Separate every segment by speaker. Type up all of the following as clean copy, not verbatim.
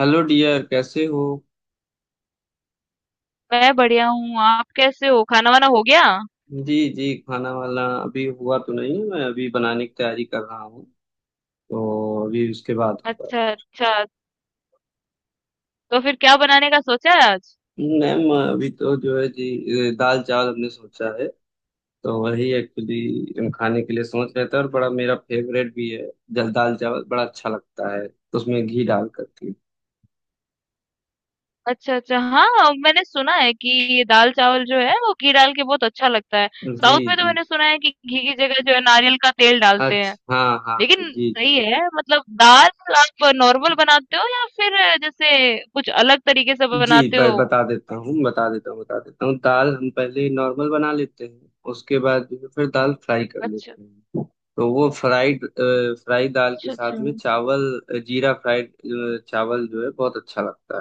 Speaker 1: Hello dear, कैसे हो।
Speaker 2: मैं बढ़िया हूँ। आप कैसे हो? खाना वाना हो गया?
Speaker 1: जी जी, खाना वाला अभी हुआ तो नहीं है, मैं अभी बनाने की तैयारी कर रहा हूँ। तो अभी उसके बाद होगा।
Speaker 2: अच्छा अच्छा। तो फिर क्या बनाने का सोचा है आज?
Speaker 1: मैम अभी तो जो है जी दाल चावल हमने सोचा है। तो वही एक्चुअली हम खाने के लिए सोच रहे थे, और बड़ा मेरा फेवरेट भी है। जल दाल चावल बड़ा अच्छा लगता है, तो उसमें घी डाल करके।
Speaker 2: अच्छा अच्छा, हाँ। मैंने सुना है कि ये दाल चावल जो है वो घी डाल के बहुत अच्छा लगता है।
Speaker 1: जी
Speaker 2: साउथ में तो
Speaker 1: जी,
Speaker 2: मैंने सुना है कि घी की जगह जो है नारियल का तेल डालते हैं।
Speaker 1: अच्छा हाँ हाँ।
Speaker 2: लेकिन
Speaker 1: जी
Speaker 2: सही
Speaker 1: जी
Speaker 2: है, मतलब दाल आप नॉर्मल बनाते हो या फिर जैसे कुछ अलग तरीके से
Speaker 1: जी,
Speaker 2: बनाते
Speaker 1: मैं
Speaker 2: हो?
Speaker 1: बता देता हूँ बता देता हूँ बता देता हूँ दाल हम पहले नॉर्मल बना लेते हैं, उसके बाद जो है फिर दाल फ्राई कर
Speaker 2: अच्छा
Speaker 1: लेते हैं। तो वो फ्राइड फ्राई दाल के
Speaker 2: अच्छा। अच्छा,
Speaker 1: साथ में चावल। जीरा फ्राइड चावल जो है बहुत अच्छा लगता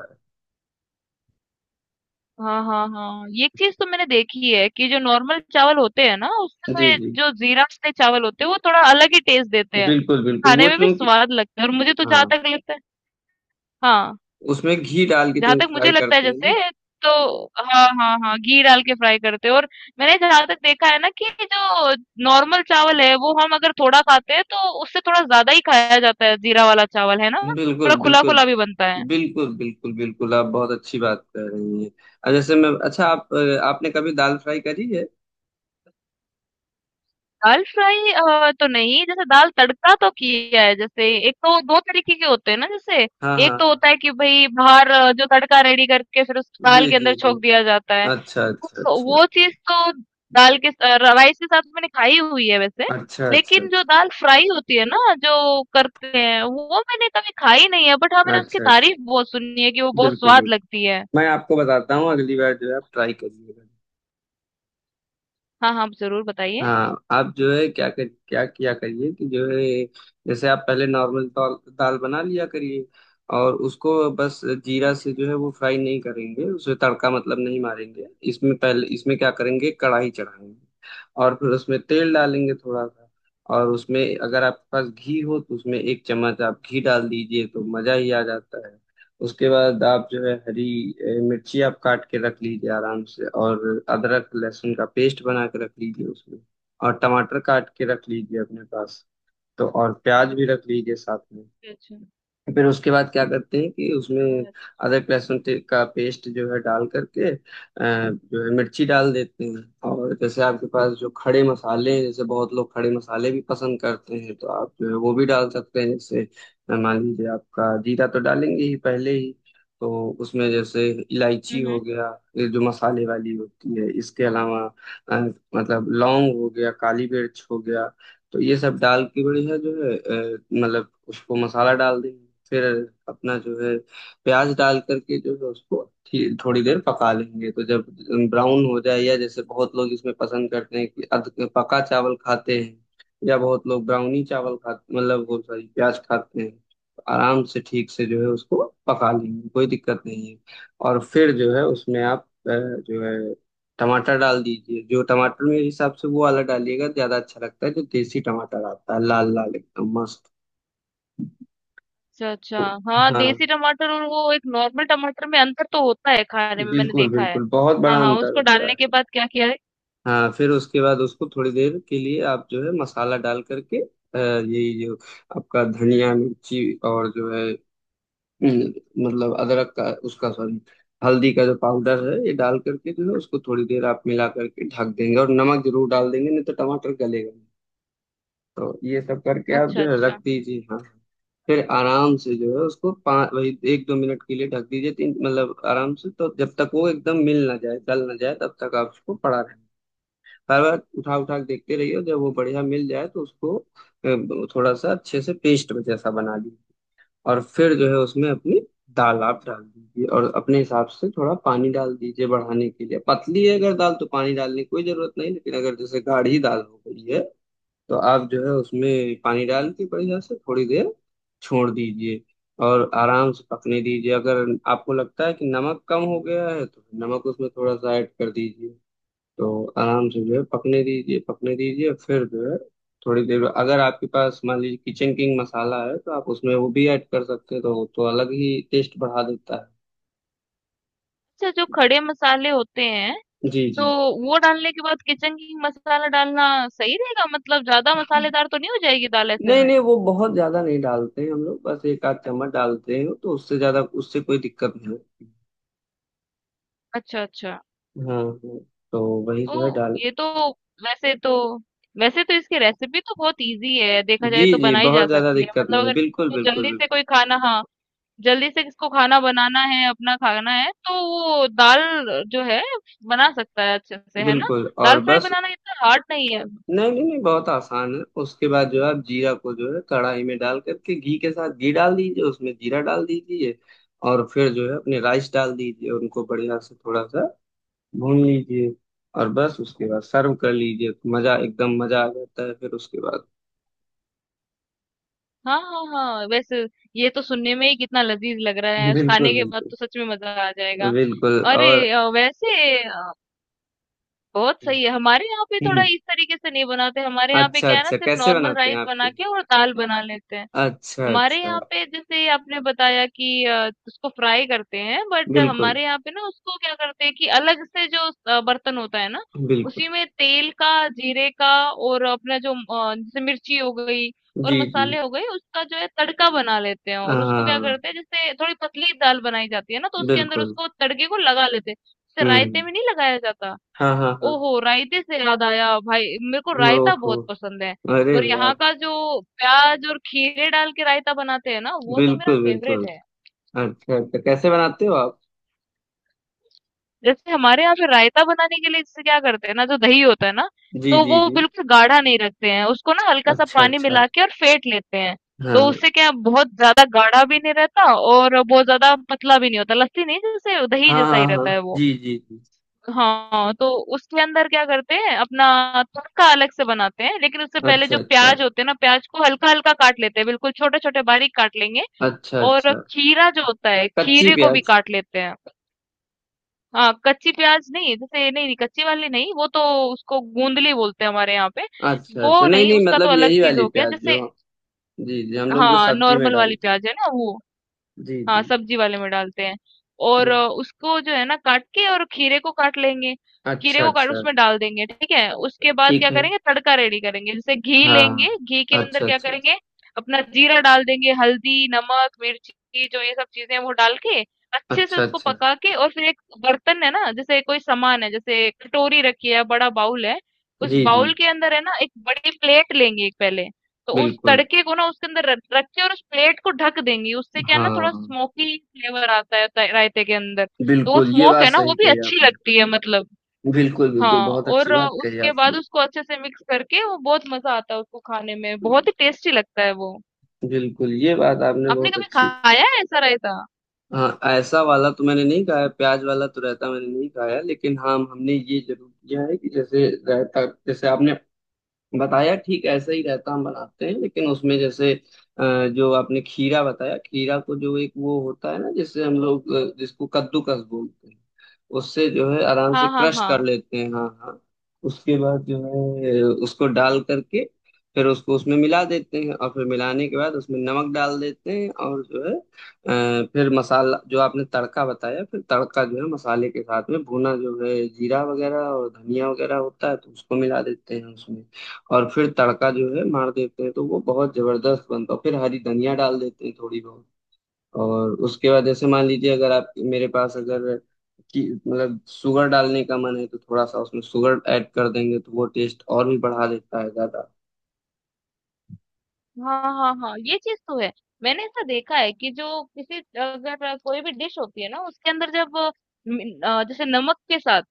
Speaker 2: हाँ हाँ हाँ, ये चीज तो मैंने देखी है कि जो नॉर्मल चावल होते हैं ना,
Speaker 1: है।
Speaker 2: उसमें
Speaker 1: जी
Speaker 2: ये
Speaker 1: जी
Speaker 2: जो जीरा वाले चावल होते हैं वो थोड़ा अलग ही टेस्ट देते हैं।
Speaker 1: बिल्कुल बिल्कुल
Speaker 2: खाने
Speaker 1: वो
Speaker 2: में भी
Speaker 1: चूंकि।
Speaker 2: स्वाद लगता है, और मुझे तो
Speaker 1: हाँ।
Speaker 2: जहां तक लगता है। हाँ,
Speaker 1: उसमें घी डाल के
Speaker 2: जहां तक
Speaker 1: चूंकि
Speaker 2: मुझे
Speaker 1: फ्राई
Speaker 2: लगता है
Speaker 1: करते हैं ना।
Speaker 2: जैसे। तो हाँ हाँ हाँ, घी डाल के फ्राई करते हैं। और मैंने जहां तक देखा है ना कि जो नॉर्मल चावल है वो हम अगर थोड़ा खाते हैं तो उससे थोड़ा ज्यादा ही खाया जाता है, जीरा वाला चावल है ना।
Speaker 1: बिल्कुल
Speaker 2: थोड़ा खुला
Speaker 1: बिल्कुल
Speaker 2: खुला भी बनता है।
Speaker 1: बिल्कुल बिल्कुल बिल्कुल, आप बहुत अच्छी बात कर रही हैं। जैसे मैं अच्छा आप आपने कभी दाल फ्राई करी है।
Speaker 2: दाल फ्राई तो नहीं, जैसे दाल तड़का तो किया है। जैसे एक तो 2 तरीके के होते हैं ना, जैसे,
Speaker 1: हाँ हाँ
Speaker 2: एक तो
Speaker 1: हाँ,
Speaker 2: होता है कि भई बाहर जो तड़का रेडी करके फिर उस
Speaker 1: जी
Speaker 2: दाल के
Speaker 1: जी
Speaker 2: अंदर
Speaker 1: जी।
Speaker 2: छोंक दिया जाता है।
Speaker 1: अच्छा अच्छा
Speaker 2: उस
Speaker 1: अच्छा
Speaker 2: वो चीज़ तो दाल के राइस के साथ मैंने खाई हुई है वैसे।
Speaker 1: अच्छा अच्छा
Speaker 2: लेकिन जो
Speaker 1: अच्छा
Speaker 2: दाल फ्राई होती है ना, जो करते हैं, वो मैंने कभी खाई नहीं है। बट हाँ, मैंने उसकी
Speaker 1: अच्छा अच्छा।
Speaker 2: तारीफ़ बहुत सुनी है कि वो बहुत
Speaker 1: बिल्कुल
Speaker 2: स्वाद
Speaker 1: बिल्कुल,
Speaker 2: लगती है।
Speaker 1: मैं आपको बताता हूँ अगली बार जो है आप ट्राई करिएगा।
Speaker 2: हाँ, हाँ, आप ज़रूर बताइए।
Speaker 1: हाँ आप जो है क्या किया करिए कि जो है, जैसे आप पहले नॉर्मल दाल दाल बना लिया करिए। और उसको बस जीरा से
Speaker 2: अच्छा,
Speaker 1: जो है वो फ्राई नहीं करेंगे, उसे तड़का मतलब नहीं मारेंगे, इसमें पहले इसमें क्या करेंगे कढ़ाई चढ़ाएंगे। और फिर उसमें तेल डालेंगे थोड़ा सा। और उसमें अगर आपके पास घी हो तो उसमें एक चम्मच आप घी डाल दीजिए तो मजा ही आ जाता है। उसके बाद आप जो है हरी मिर्ची आप काट के रख लीजिए आराम से, और अदरक लहसुन का पेस्ट बना के रख लीजिए उसमें। और टमाटर काट के रख लीजिए अपने पास। तो और प्याज भी रख लीजिए साथ में।
Speaker 2: अच्छा, अच्छा।
Speaker 1: फिर उसके बाद क्या करते हैं कि
Speaker 2: अ,
Speaker 1: उसमें अदरक लहसुन का पेस्ट जो है डाल करके जो है मिर्ची डाल देते हैं। और जैसे आपके पास जो खड़े मसाले
Speaker 2: हुँ,
Speaker 1: हैं,
Speaker 2: हुँ।
Speaker 1: जैसे बहुत लोग खड़े मसाले भी पसंद करते हैं तो आप जो है वो भी डाल सकते हैं, जैसे मान लीजिए आपका जीरा तो डालेंगे ही पहले ही। तो उसमें जैसे
Speaker 2: हुँ,
Speaker 1: इलायची
Speaker 2: हुँ।
Speaker 1: हो गया, ये जो मसाले वाली होती है इसके अलावा अ, मतलब लौंग हो गया काली मिर्च हो गया। तो ये सब डाल के बढ़िया जो है मतलब उसको मसाला डाल देंगे। फिर अपना जो है प्याज डाल करके जो है उसको थोड़ी देर पका लेंगे। तो जब ब्राउन हो जाए, या जैसे बहुत लोग इसमें पसंद करते हैं कि अध पका चावल खाते हैं, या बहुत लोग ब्राउनी चावल खाते मतलब वो सॉरी प्याज खाते हैं, तो आराम से ठीक से जो है उसको पका लेंगे कोई दिक्कत नहीं है। और फिर जो है उसमें आप जो है टमाटर डाल दीजिए। जो टमाटर मेरे हिसाब से वो वाला डालिएगा ज्यादा अच्छा लगता है, जो देसी टमाटर आता है लाल लाल एकदम मस्त।
Speaker 2: अच्छा अच्छा। हाँ,
Speaker 1: हाँ
Speaker 2: देसी टमाटर और वो एक नॉर्मल टमाटर में अंतर तो होता है खाने में, मैंने
Speaker 1: बिल्कुल
Speaker 2: देखा है।
Speaker 1: बिल्कुल, बहुत
Speaker 2: हाँ
Speaker 1: बड़ा
Speaker 2: हाँ,
Speaker 1: अंतर
Speaker 2: उसको
Speaker 1: होता
Speaker 2: डालने
Speaker 1: है।
Speaker 2: के बाद क्या किया है?
Speaker 1: हाँ फिर उसके बाद उसको थोड़ी देर के लिए आप जो है मसाला डाल करके यही जो आपका धनिया मिर्ची और जो है अम, मतलब अदरक का उसका सॉरी हल्दी का जो पाउडर है ये डाल करके जो है उसको थोड़ी देर आप मिला करके ढक देंगे, और नमक जरूर डाल देंगे नहीं तो टमाटर गलेगा। तो ये सब करके आप
Speaker 2: अच्छा
Speaker 1: जो है रख
Speaker 2: अच्छा
Speaker 1: दीजिए। हाँ हाँ। फिर आराम से जो है उसको पाँच वही एक दो मिनट के लिए ढक दीजिए, तीन मतलब आराम से, तो जब तक वो एकदम मिल ना जाए गल ना जाए तब तक आप उसको पड़ा रहे। बार बार उठा उठा के देखते रहिए, और जब वो बढ़िया मिल जाए तो उसको थोड़ा सा अच्छे से पेस्ट जैसा बना लीजिए। और फिर जो है उसमें अपनी दाल आप डाल दीजिए, और अपने हिसाब से थोड़ा पानी डाल दीजिए बढ़ाने के लिए। पतली है अगर दाल तो पानी डालने की कोई जरूरत नहीं, लेकिन अगर जैसे गाढ़ी दाल हो गई है तो आप जो है उसमें पानी डाल के बढ़िया से थोड़ी देर छोड़ दीजिए। और आराम से पकने दीजिए। अगर आपको लगता है कि नमक कम हो गया है तो नमक उसमें थोड़ा सा ऐड कर दीजिए। तो आराम से जो है पकने दीजिए। फिर जो है थोड़ी देर, अगर आपके पास मान लीजिए किचन किंग मसाला है तो आप उसमें वो भी ऐड कर सकते हैं, तो वो तो अलग ही टेस्ट बढ़ा देता
Speaker 2: अच्छा। जो खड़े मसाले होते हैं,
Speaker 1: है। जी
Speaker 2: तो
Speaker 1: जी।
Speaker 2: वो डालने के बाद किचन किंग मसाला डालना सही रहेगा? मतलब ज्यादा मसालेदार तो नहीं हो जाएगी दाल ऐसे
Speaker 1: नहीं
Speaker 2: में?
Speaker 1: नहीं वो बहुत ज्यादा नहीं डालते हैं हम लोग, बस एक आध चम्मच डालते हैं, तो उससे ज्यादा उससे कोई दिक्कत नहीं होती।
Speaker 2: अच्छा अच्छा।
Speaker 1: हाँ हाँ, तो वही जो है
Speaker 2: तो
Speaker 1: डाल।
Speaker 2: ये तो वैसे तो वैसे तो इसकी रेसिपी तो बहुत इजी है, देखा
Speaker 1: जी
Speaker 2: जाए तो
Speaker 1: जी
Speaker 2: बनाई जा
Speaker 1: बहुत ज्यादा
Speaker 2: सकती है।
Speaker 1: दिक्कत
Speaker 2: मतलब
Speaker 1: नहीं,
Speaker 2: अगर
Speaker 1: बिल्कुल
Speaker 2: किसी को जल्दी
Speaker 1: बिल्कुल।
Speaker 2: से कोई खाना, हाँ, जल्दी से किसको खाना बनाना है, अपना खाना है, तो वो दाल जो है बना सकता है अच्छे से, है ना।
Speaker 1: बिल्कुल बिल्कुल और
Speaker 2: दाल फ्राई
Speaker 1: बस।
Speaker 2: बनाना इतना हार्ड नहीं है।
Speaker 1: नहीं नहीं नहीं बहुत आसान है, उसके बाद जो है आप जीरा को जो है कढ़ाई में डाल करके घी के साथ घी डाल दीजिए उसमें जीरा डाल दीजिए। और फिर जो है अपने राइस डाल दीजिए उनको बढ़िया से थोड़ा सा भून लीजिए। और बस उसके बाद सर्व कर लीजिए तो मजा एकदम मजा आ जाता है फिर उसके बाद।
Speaker 2: हाँ हाँ हाँ, वैसे ये तो सुनने में ही कितना लजीज लग रहा है, खाने
Speaker 1: बिल्कुल
Speaker 2: के बाद
Speaker 1: बिल्कुल।
Speaker 2: तो सच में मजा आ जाएगा।
Speaker 1: बिल्कुल और।
Speaker 2: अरे वैसे बहुत सही है। हमारे यहाँ पे थोड़ा
Speaker 1: हम्म,
Speaker 2: इस तरीके से नहीं बनाते। हमारे यहाँ पे
Speaker 1: अच्छा
Speaker 2: क्या है ना,
Speaker 1: अच्छा
Speaker 2: सिर्फ
Speaker 1: कैसे
Speaker 2: नॉर्मल
Speaker 1: बनाते हैं
Speaker 2: राइस
Speaker 1: आपके।
Speaker 2: बना के और दाल बना लेते हैं।
Speaker 1: अच्छा
Speaker 2: हमारे
Speaker 1: अच्छा।
Speaker 2: यहाँ पे जैसे आपने बताया कि उसको फ्राई करते हैं, बट
Speaker 1: बिल्कुल
Speaker 2: हमारे यहाँ पे ना उसको क्या करते हैं कि अलग से जो बर्तन होता है ना,
Speaker 1: बिल्कुल।
Speaker 2: उसी में तेल का, जीरे का, और अपना जो जैसे मिर्ची हो गई और
Speaker 1: जी जी।
Speaker 2: मसाले हो गए, उसका जो है तड़का बना लेते हैं। और उसको क्या
Speaker 1: हाँ।
Speaker 2: करते हैं, जैसे थोड़ी पतली दाल बनाई जाती है ना, तो उसके अंदर
Speaker 1: बिल्कुल।
Speaker 2: उसको तड़के को लगा लेते हैं, जैसे रायते
Speaker 1: हम्म।
Speaker 2: में नहीं लगाया जाता।
Speaker 1: हाँ हाँ हाँ।
Speaker 2: ओहो! रायते से याद आया, भाई मेरे को रायता
Speaker 1: ओहो।
Speaker 2: बहुत पसंद है।
Speaker 1: अरे
Speaker 2: और
Speaker 1: वाह।
Speaker 2: यहाँ का जो प्याज और खीरे डाल के रायता बनाते हैं ना, वो तो मेरा
Speaker 1: बिल्कुल
Speaker 2: फेवरेट
Speaker 1: बिल्कुल।
Speaker 2: है।
Speaker 1: अच्छा अच्छा कैसे बनाते हो आप।
Speaker 2: जैसे हमारे यहाँ पे रायता बनाने के लिए जैसे क्या करते हैं ना, जो दही होता है ना,
Speaker 1: जी
Speaker 2: तो वो
Speaker 1: जी जी।
Speaker 2: बिल्कुल गाढ़ा नहीं रखते हैं उसको ना, हल्का सा
Speaker 1: अच्छा
Speaker 2: पानी
Speaker 1: अच्छा।
Speaker 2: मिला के और फेंट लेते हैं। तो
Speaker 1: हाँ
Speaker 2: उससे क्या है, बहुत ज़्यादा गाढ़ा भी नहीं रहता और बहुत ज़्यादा पतला भी नहीं होता। लस्सी नहीं, जैसे दही
Speaker 1: हाँ
Speaker 2: जैसा
Speaker 1: हाँ
Speaker 2: ही
Speaker 1: हाँ।
Speaker 2: रहता है वो।
Speaker 1: जी जी जी।
Speaker 2: हाँ, तो उसके अंदर क्या करते हैं, अपना तड़का अलग से बनाते हैं। लेकिन उससे पहले
Speaker 1: अच्छा
Speaker 2: जो
Speaker 1: अच्छा।
Speaker 2: प्याज होते हैं ना, प्याज को हल्का हल्का काट लेते हैं, बिल्कुल छोटे छोटे बारीक काट लेंगे।
Speaker 1: अच्छा
Speaker 2: और
Speaker 1: अच्छा
Speaker 2: खीरा जो होता है,
Speaker 1: कच्ची
Speaker 2: खीरे को भी
Speaker 1: प्याज।
Speaker 2: काट लेते हैं। हाँ, कच्ची प्याज नहीं, जैसे नहीं नहीं, कच्ची वाली नहीं, वो तो, उसको गूंदली बोलते हैं हमारे यहाँ पे।
Speaker 1: अच्छा अच्छा
Speaker 2: वो
Speaker 1: नहीं
Speaker 2: नहीं,
Speaker 1: नहीं
Speaker 2: उसका तो
Speaker 1: मतलब
Speaker 2: अलग
Speaker 1: यही
Speaker 2: चीज
Speaker 1: वाली
Speaker 2: हो गया
Speaker 1: प्याज
Speaker 2: जैसे।
Speaker 1: जो। जी जी, हम लोग जो
Speaker 2: हाँ,
Speaker 1: सब्जी में
Speaker 2: नॉर्मल वाली
Speaker 1: डालते हैं।
Speaker 2: प्याज है ना वो।
Speaker 1: जी
Speaker 2: हाँ,
Speaker 1: जी
Speaker 2: सब्जी वाले में डालते हैं। और
Speaker 1: जी।
Speaker 2: उसको जो है ना काट के, और खीरे को काट लेंगे। खीरे
Speaker 1: अच्छा
Speaker 2: को काट
Speaker 1: अच्छा।
Speaker 2: उसमें डाल देंगे। ठीक है, उसके बाद क्या
Speaker 1: ठीक है।
Speaker 2: करेंगे, तड़का रेडी करेंगे। जैसे घी लेंगे,
Speaker 1: हाँ।
Speaker 2: घी के अंदर
Speaker 1: अच्छा
Speaker 2: क्या
Speaker 1: अच्छा।
Speaker 2: करेंगे, अपना जीरा डाल देंगे, हल्दी, नमक, मिर्ची, जो ये सब चीजें हैं, वो डाल के अच्छे से
Speaker 1: अच्छा
Speaker 2: उसको
Speaker 1: अच्छा।
Speaker 2: पका के। और फिर एक बर्तन है ना, जैसे कोई सामान है, जैसे कटोरी रखी है, बड़ा बाउल है, उस
Speaker 1: जी
Speaker 2: बाउल
Speaker 1: जी।
Speaker 2: के अंदर है ना एक बड़ी प्लेट लेंगे एक पहले। तो उस
Speaker 1: बिल्कुल।
Speaker 2: तड़के को ना उसके अंदर रख रख के, और उस प्लेट को ढक देंगी। उससे क्या है ना, थोड़ा
Speaker 1: हाँ।
Speaker 2: स्मोकी फ्लेवर आता है रायते के अंदर। तो वो
Speaker 1: बिल्कुल, ये
Speaker 2: स्मोक
Speaker 1: बात
Speaker 2: है ना, वो
Speaker 1: सही
Speaker 2: भी
Speaker 1: कही
Speaker 2: अच्छी
Speaker 1: आपने।
Speaker 2: लगती है, मतलब।
Speaker 1: बिल्कुल बिल्कुल,
Speaker 2: हाँ,
Speaker 1: बहुत अच्छी
Speaker 2: और
Speaker 1: बात कही
Speaker 2: उसके बाद
Speaker 1: आपने।
Speaker 2: उसको अच्छे से मिक्स करके, वो बहुत मजा आता है, उसको खाने में बहुत ही टेस्टी लगता है वो।
Speaker 1: बिल्कुल, ये बात आपने
Speaker 2: आपने
Speaker 1: बहुत
Speaker 2: कभी
Speaker 1: अच्छी।
Speaker 2: खाया है ऐसा रायता?
Speaker 1: हाँ ऐसा वाला तो मैंने नहीं खाया, प्याज वाला तो रायता मैंने नहीं खाया, लेकिन हाँ हमने ये जरूर किया है कि जैसे रायता जैसे आपने बताया ठीक ऐसा ही रहता हम बनाते हैं, लेकिन उसमें जैसे अ, जो आपने खीरा बताया, खीरा को जो एक वो होता है ना जिससे हम लोग जिसको कद्दूकस बोलते हैं उससे जो है आराम से
Speaker 2: हाँ हाँ
Speaker 1: क्रश
Speaker 2: हाँ,
Speaker 1: कर लेते हैं। हाँ हाँ। उसके बाद जो है उसको डाल करके फिर उसको उसमें मिला देते हैं, और फिर मिलाने के बाद उसमें नमक डाल देते हैं। और जो है फिर मसाला जो आपने तड़का बताया, फिर तड़का जो है मसाले के साथ में भुना जो है जीरा वगैरह और धनिया वगैरह होता है तो उसको मिला देते हैं उसमें। और फिर तड़का जो है मार देते हैं तो वो बहुत जबरदस्त बनता है, फिर हरी धनिया डाल देते हैं थोड़ी बहुत। और उसके बाद जैसे मान लीजिए अगर आप मेरे पास अगर कि मतलब शुगर डालने का मन है तो थोड़ा सा उसमें शुगर ऐड कर देंगे तो वो टेस्ट और भी बढ़ा देता है ज्यादा।
Speaker 2: हाँ हाँ हाँ, ये चीज तो है। मैंने ऐसा देखा है कि जो किसी अगर कोई भी डिश होती है ना, उसके अंदर जब जैसे नमक के साथ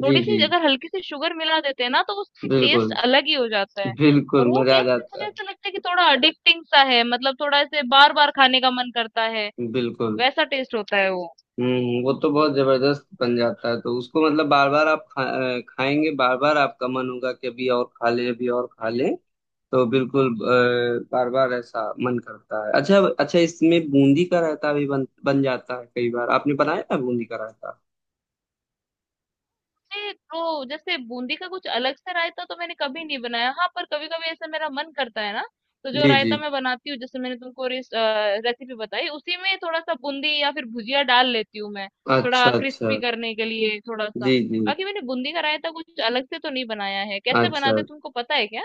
Speaker 1: जी
Speaker 2: थोड़ी-सी
Speaker 1: जी,
Speaker 2: अगर हल्की सी शुगर मिला देते हैं ना, तो उसका टेस्ट
Speaker 1: बिल्कुल
Speaker 2: अलग ही हो जाता है। और
Speaker 1: बिल्कुल
Speaker 2: वो
Speaker 1: मजा आ
Speaker 2: टेस्ट ना
Speaker 1: जाता
Speaker 2: मुझे
Speaker 1: है।
Speaker 2: ऐसा लगता है कि थोड़ा एडिक्टिंग सा है, मतलब थोड़ा ऐसे बार-बार खाने का मन करता है,
Speaker 1: बिल्कुल।
Speaker 2: वैसा टेस्ट होता है वो।
Speaker 1: हम्म, वो तो बहुत जबरदस्त बन जाता है तो उसको मतलब बार बार आप खाएंगे, बार बार आपका मन होगा कि अभी और खा लें अभी और खा लें। तो बिल्कुल बार बार ऐसा मन करता है। अच्छा अच्छा, इसमें बूंदी का रायता भी बन बन जाता है कई बार, आपने बनाया है बूंदी का रायता।
Speaker 2: ये तो, जैसे बूंदी का कुछ अलग से रायता तो मैंने कभी नहीं बनाया। हाँ, पर कभी-कभी ऐसा मेरा मन करता है ना, तो जो
Speaker 1: जी जी।
Speaker 2: रायता मैं बनाती हूँ, जैसे मैंने तुमको रेसिपी बताई, उसी में थोड़ा-सा बूंदी या फिर भुजिया डाल लेती हूँ मैं,
Speaker 1: अच्छा
Speaker 2: थोड़ा
Speaker 1: अच्छा।
Speaker 2: क्रिस्पी करने के लिए थोड़ा-सा।
Speaker 1: जी जी।
Speaker 2: बाकी मैंने बूंदी का रायता कुछ अलग से तो नहीं बनाया है। कैसे बनाते
Speaker 1: अच्छा,
Speaker 2: हैं तुमको पता है क्या?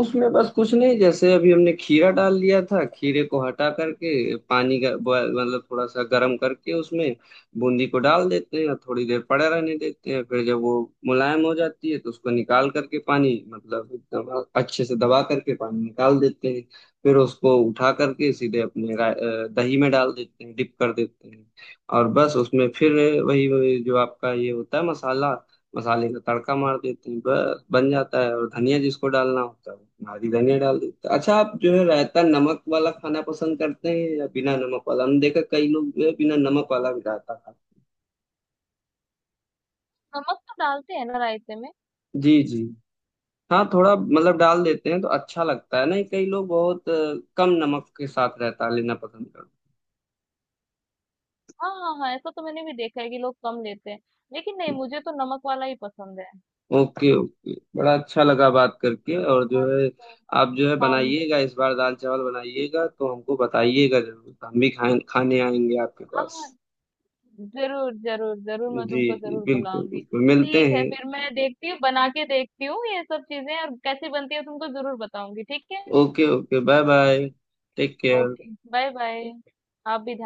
Speaker 1: उसमें बस कुछ नहीं, जैसे अभी हमने खीरा डाल लिया था, खीरे को हटा करके पानी का मतलब थोड़ा सा गर्म करके उसमें बूंदी को डाल देते हैं, थोड़ी देर पड़ा रहने देते हैं। फिर जब वो मुलायम हो जाती है तो उसको निकाल करके पानी मतलब एकदम अच्छे से दबा करके पानी निकाल देते हैं। फिर उसको उठा करके सीधे अपने दही में डाल देते हैं, डिप कर देते हैं। और बस उसमें फिर वही जो आपका ये होता है मसाला, मसाले का तड़का मार देते हैं, बस बन जाता है। और धनिया जिसको डालना होता है वो हरी धनिया डाल देते हैं। अच्छा आप जो है रायता नमक वाला खाना पसंद करते हैं या बिना नमक वाला, हमने देखा कई लोग जो है बिना नमक वाला भी रायता खाते
Speaker 2: नमक तो डालते हैं ना रायते में।
Speaker 1: हैं। जी जी। हाँ थोड़ा मतलब डाल देते हैं तो अच्छा लगता है, नहीं कई लोग बहुत कम नमक के साथ रायता लेना पसंद करते
Speaker 2: हाँ हाँ हाँ, ऐसा तो मैंने भी देखा है कि लोग कम लेते हैं, लेकिन नहीं, मुझे तो नमक वाला ही पसंद है।
Speaker 1: हैं। ओके ओके, बड़ा अच्छा लगा बात करके। और जो है
Speaker 2: अच्छा।
Speaker 1: आप जो है
Speaker 2: हम।
Speaker 1: बनाइएगा इस बार, दाल चावल बनाइएगा तो हमको बताइएगा जरूर, हम भी खाए खाने आएंगे आपके पास।
Speaker 2: हाँ, जरूर जरूर जरूर, मैं
Speaker 1: जी
Speaker 2: तुमको
Speaker 1: जी
Speaker 2: जरूर
Speaker 1: बिल्कुल
Speaker 2: बुलाऊंगी।
Speaker 1: बिल्कुल, मिलते
Speaker 2: ठीक है,
Speaker 1: हैं।
Speaker 2: फिर मैं देखती हूँ, बना के देखती हूँ ये सब चीजें, और कैसी बनती है तुमको जरूर बताऊंगी, ठीक है।
Speaker 1: Okay okay, bye bye. Take care.
Speaker 2: Okay, bye bye. ठीक, आप भी।